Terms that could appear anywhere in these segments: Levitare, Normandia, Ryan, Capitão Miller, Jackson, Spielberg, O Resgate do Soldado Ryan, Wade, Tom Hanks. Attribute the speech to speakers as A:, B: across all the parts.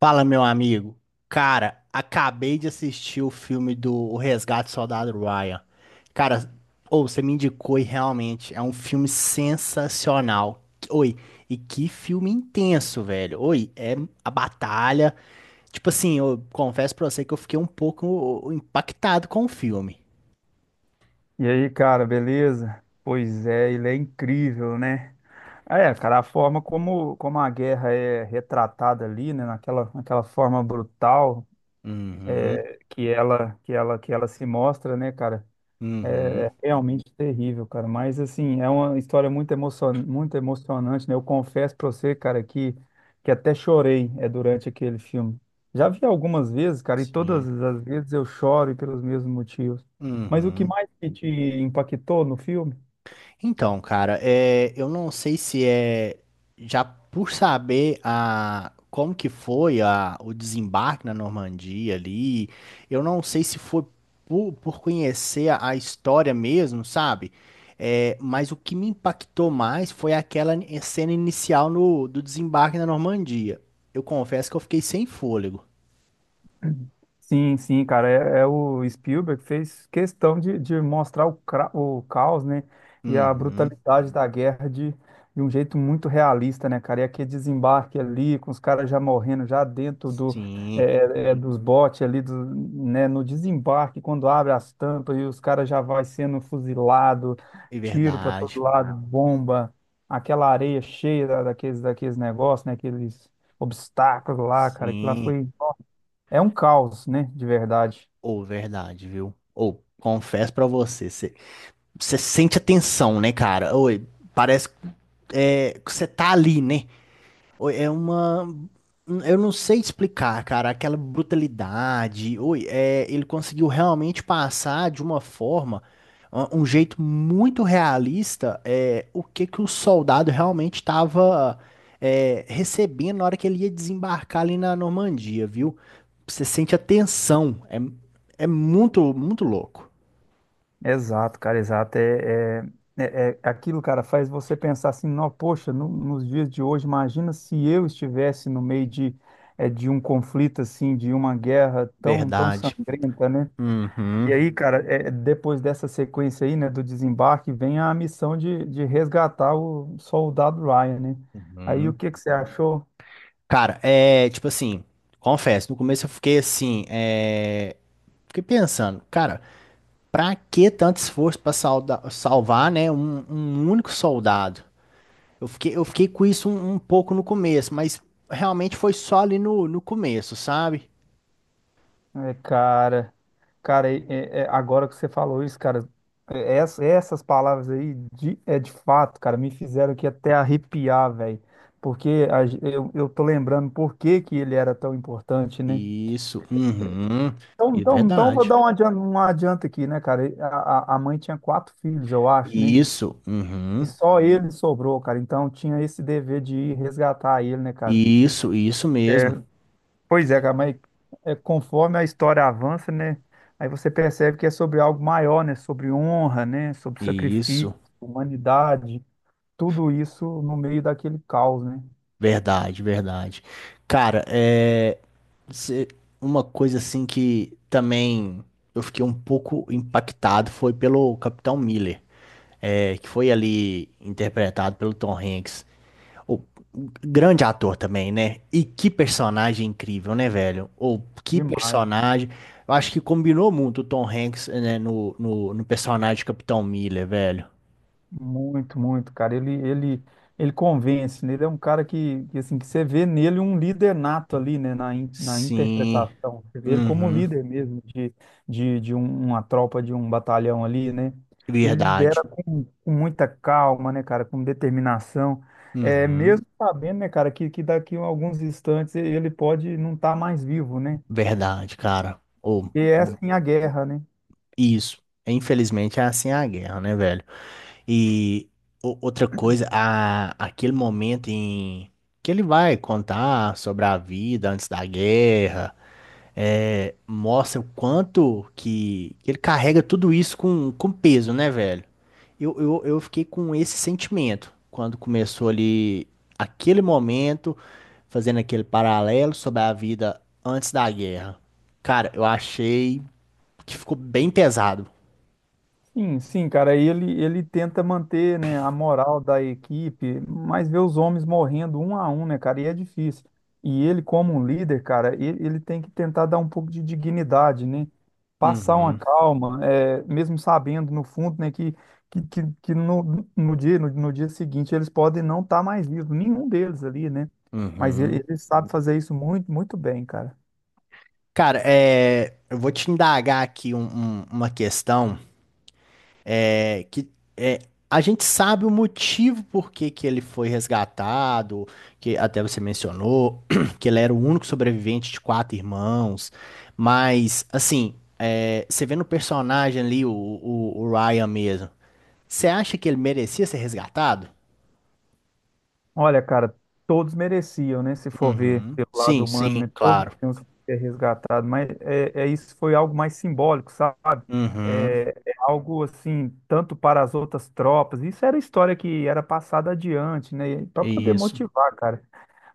A: Fala, meu amigo. Cara, acabei de assistir o filme do O Resgate do Soldado Ryan. Cara, ou você me indicou e realmente é um filme sensacional. Oi, e que filme intenso, velho. Oi, é a batalha. Tipo assim, eu confesso pra você que eu fiquei um pouco impactado com o filme.
B: E aí, cara, beleza? Pois é, ele é incrível, né? É, cara, a forma como a guerra é retratada ali, né, naquela forma brutal
A: Uhum,
B: que ela se mostra, né, cara? É
A: uhum,
B: é realmente terrível, cara. Mas, assim, é uma história muito emocionante, né? Eu confesso pra você, cara, que até chorei durante aquele filme. Já vi algumas vezes, cara, e todas
A: sim.
B: as vezes eu choro e pelos mesmos motivos. Mas o que
A: Uhum.
B: mais que te impactou no filme?
A: Então, cara, é, eu não sei se é já por saber a, como que foi a, o desembarque na Normandia ali, eu não sei se foi por conhecer a história mesmo, sabe? É, mas o que me impactou mais foi aquela cena inicial no, do desembarque na Normandia. Eu confesso que eu fiquei sem fôlego.
B: Sim, sim, cara, é o Spielberg fez questão de mostrar o caos, né, e a
A: Uhum,
B: brutalidade da guerra de um jeito muito realista, né, cara, e aquele desembarque ali, com os caras já morrendo, já dentro
A: sim,
B: dos botes ali, né, no desembarque, quando abre as tampas e os caras já vai sendo fuzilado,
A: é
B: tiro para
A: verdade.
B: todo lado, bomba, aquela areia cheia daqueles negócios, né, aqueles obstáculos lá, cara, que lá
A: Sim.
B: foi é um caos, né? De verdade.
A: Ou, verdade, viu? Ou, confesso pra você, você sente a tensão, né, cara? Oi, parece é, que você tá ali, né? Oi, é uma. Eu não sei explicar, cara, aquela brutalidade. Oi, é, ele conseguiu realmente passar de uma forma, um jeito muito realista, é, o que que o soldado realmente estava recebendo na hora que ele ia desembarcar ali na Normandia, viu? Você sente a tensão. É, é muito, muito louco.
B: Exato, cara, exato. Aquilo, cara, faz você pensar assim, não, poxa, nos dias de hoje, imagina se eu estivesse no meio de, de um conflito assim, de uma guerra tão
A: Verdade.
B: sangrenta, né? E
A: Uhum.
B: aí, cara, é, depois dessa sequência aí, né, do desembarque, vem a missão de resgatar o soldado Ryan, né? Aí, o
A: Uhum.
B: que que você achou?
A: Cara, é tipo assim, confesso, no começo eu fiquei assim, é. Fiquei pensando, cara, pra que tanto esforço pra salvar, né, um único soldado? Eu fiquei com isso um, um pouco no começo, mas realmente foi só ali no, no começo, sabe?
B: É, cara, cara, agora que você falou isso, cara, essas palavras aí, de, é de fato, cara, me fizeram aqui até arrepiar, velho, porque eu tô lembrando por que que ele era tão importante, né?
A: Isso, uhum,
B: Então,
A: é
B: então, então eu vou
A: verdade.
B: dar um adianto aqui, né, cara? E A, a mãe tinha 4 filhos, eu acho, né?
A: Isso,
B: E
A: uhum,
B: só ele sobrou, cara, então tinha esse dever de ir resgatar ele, né, cara?
A: isso mesmo.
B: Pois é, cara, mas conforme a história avança, né? Aí você percebe que é sobre algo maior, né? Sobre honra, né? Sobre sacrifício,
A: Isso,
B: humanidade, tudo isso no meio daquele caos, né?
A: verdade, verdade. Cara, é. cê- Uma coisa assim que também eu fiquei um pouco impactado foi pelo Capitão Miller. É, que foi ali interpretado pelo Tom Hanks. O grande ator também, né? E que personagem incrível, né, velho? Ou que
B: Demais.
A: personagem. Eu acho que combinou muito o Tom Hanks, né, no personagem de Capitão Miller, velho.
B: Muito, muito, cara. Ele convence, né? Ele é um cara assim, que você vê nele um líder nato ali, né? Na
A: Sim.
B: interpretação. Você vê ele como
A: Uhum.
B: líder mesmo de, de uma tropa, de um batalhão ali, né? Ele
A: Verdade.
B: lidera com muita calma, né, cara? Com determinação. É,
A: Uhum.
B: mesmo sabendo, né, cara, que daqui a alguns instantes ele pode não estar mais vivo, né?
A: Verdade, cara. Ou
B: E é assim a guerra, né?
A: isso. Infelizmente é assim a guerra, né, velho? E outra coisa, a, aquele momento em que ele vai contar sobre a vida antes da guerra, é, mostra o quanto que ele carrega tudo isso com peso, né, velho? Eu fiquei com esse sentimento quando começou ali aquele momento, fazendo aquele paralelo sobre a vida antes da guerra. Cara, eu achei que ficou bem pesado.
B: Sim, sim, cara. Aí Ele tenta manter, né, a moral da equipe, mas vê os homens morrendo um a um, né, cara? E é difícil. E ele, como um líder, cara, ele tem que tentar dar um pouco de dignidade, né? Passar uma
A: Uhum,
B: calma, é, mesmo sabendo no fundo, né, que no dia, no dia seguinte eles podem não estar mais vivos, nenhum deles ali, né? Mas ele,
A: uhum.
B: ele sabe fazer isso muito, muito bem, cara.
A: Cara, é, eu vou te indagar aqui uma questão é, que é, a gente sabe o motivo por que que ele foi resgatado, que até você mencionou que ele era o único sobrevivente de quatro irmãos, mas assim, é, você vê no personagem ali, o Ryan mesmo, você acha que ele merecia ser resgatado?
B: Olha, cara, todos mereciam, né? Se for ver
A: Uhum.
B: pelo lado
A: Sim,
B: humano,
A: sim,
B: né? Todos
A: claro.
B: tinham que ser resgatados, mas é isso foi algo mais simbólico, sabe?
A: Uhum.
B: É algo assim, tanto para as outras tropas. Isso era história que era passada adiante, né? Para poder
A: Isso,
B: motivar, cara.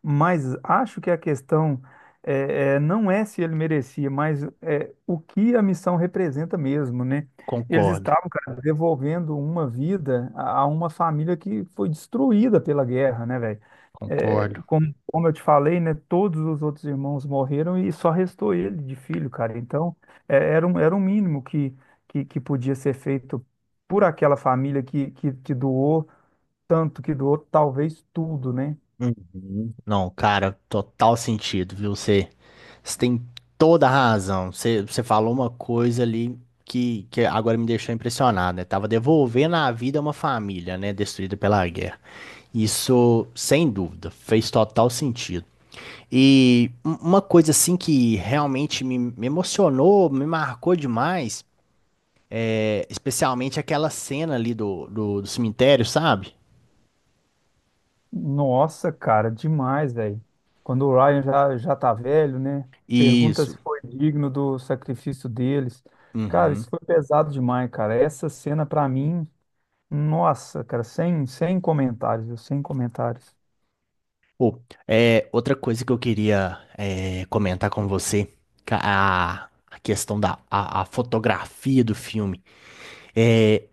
B: Mas acho que a questão não é se ele merecia, mas é, o que a missão representa mesmo, né? Eles
A: concordo,
B: estavam, cara, devolvendo uma vida a uma família que foi destruída pela guerra, né, velho? É,
A: concordo.
B: como eu te falei, né, todos os outros irmãos morreram e só restou ele de filho, cara. Então, é, era um mínimo que podia ser feito por aquela família que doou tanto, que doou talvez tudo, né?
A: Uhum. Não, cara, total sentido, viu? Você, você tem toda a razão. Você, você falou uma coisa ali que agora me deixou impressionado, né? Tava devolvendo a vida a uma família, né? Destruída pela guerra. Isso, sem dúvida, fez total sentido. E uma coisa assim que realmente me, me emocionou, me marcou demais, é, especialmente aquela cena ali do cemitério, sabe?
B: Nossa, cara, demais, velho. Quando o Ryan já tá velho, né? Pergunta
A: Isso.
B: se foi digno do sacrifício deles. Cara, isso
A: Uhum.
B: foi pesado demais, cara. Essa cena pra mim, nossa, cara, sem comentários, viu? Sem comentários.
A: Pô, é, outra coisa que eu queria é, comentar com você, a questão da a fotografia do filme. É,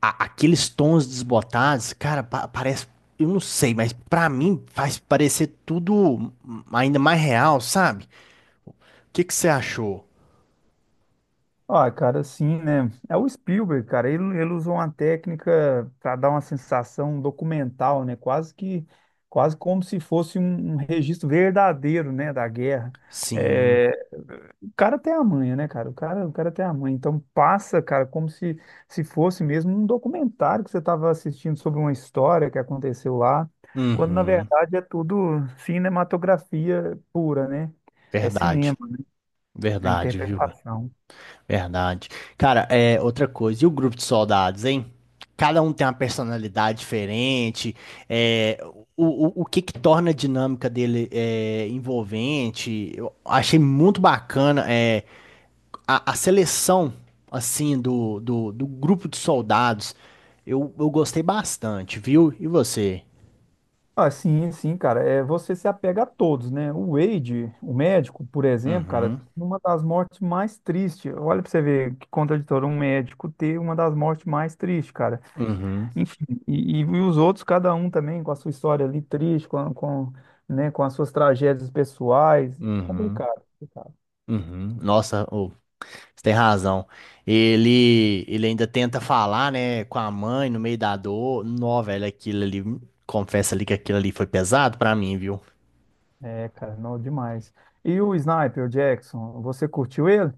A: aqueles tons desbotados, cara, parece, eu não sei, mas pra mim faz parecer tudo ainda mais real, sabe? O que que você achou?
B: Ah, cara, sim, né? É o Spielberg, cara. Ele usou uma técnica para dar uma sensação documental, né? Quase que, quase como se fosse um, um registro verdadeiro, né, da guerra.
A: Sim,
B: É, o cara tem a manha, né, cara? O cara, o cara tem a manha. Então passa, cara, como se fosse mesmo um documentário que você estava assistindo sobre uma história que aconteceu lá, quando na
A: uhum,
B: verdade é tudo cinematografia pura, né? É
A: verdade,
B: cinema, é
A: verdade, viu?
B: interpretação.
A: Verdade. Cara, é outra coisa. E o grupo de soldados, hein? Cada um tem uma personalidade diferente. É, o que que torna a dinâmica dele é, envolvente? Eu achei muito bacana é, a seleção assim do grupo de soldados. Eu gostei bastante, viu? E você?
B: Ah, sim, sim, cara. É, você se apega a todos, né? O Wade, o médico, por exemplo, cara,
A: Uhum,
B: uma das mortes mais tristes. Olha pra você ver que contraditório um médico ter uma das mortes mais tristes, cara.
A: uhum,
B: Enfim, e os outros, cada um também com a sua história ali triste, né, com as suas tragédias pessoais.
A: uhum,
B: Complicado, complicado.
A: uhum. Nossa, você tem razão. Ele ainda tenta falar, né, com a mãe no meio da dor. Nó, velho, aquilo ali, confesso ali que aquilo ali foi pesado pra mim, viu?
B: É, cara, não demais. E o Sniper, o Jackson, você curtiu ele?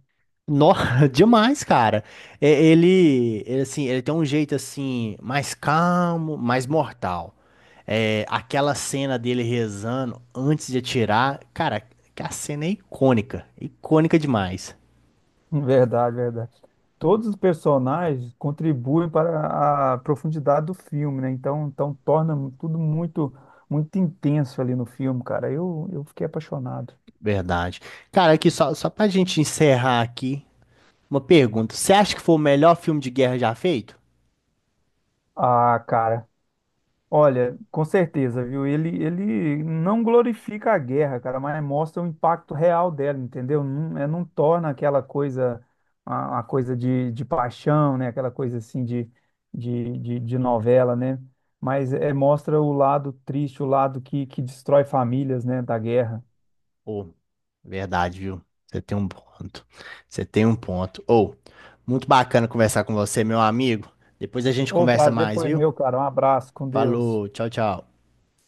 A: Nó, demais, cara. É, ele, assim, ele tem um jeito, assim, mais calmo, mais mortal. É, aquela cena dele rezando antes de atirar, cara, que a cena é icônica, icônica demais.
B: Verdade, verdade. Todos os personagens contribuem para a profundidade do filme, né? Então torna tudo muito, muito intenso ali no filme, cara. Eu fiquei apaixonado.
A: Verdade. Cara, aqui só, só pra gente encerrar aqui. Uma pergunta. Você acha que foi o melhor filme de guerra já feito?
B: Ah, cara. Olha, com certeza, viu? Ele não glorifica a guerra, cara, mas mostra o impacto real dela, entendeu? Não, é, não torna aquela coisa, uma coisa de paixão, né? Aquela coisa assim de, de novela, né? Mas é, mostra o lado triste, o lado que destrói famílias, né? Da guerra.
A: Ou, verdade, viu? Você tem um ponto. Você tem um ponto. Ou, muito bacana conversar com você, meu amigo. Depois a gente
B: O
A: conversa
B: prazer
A: mais,
B: foi
A: viu?
B: meu, cara. Um abraço, com Deus.
A: Falou, tchau, tchau.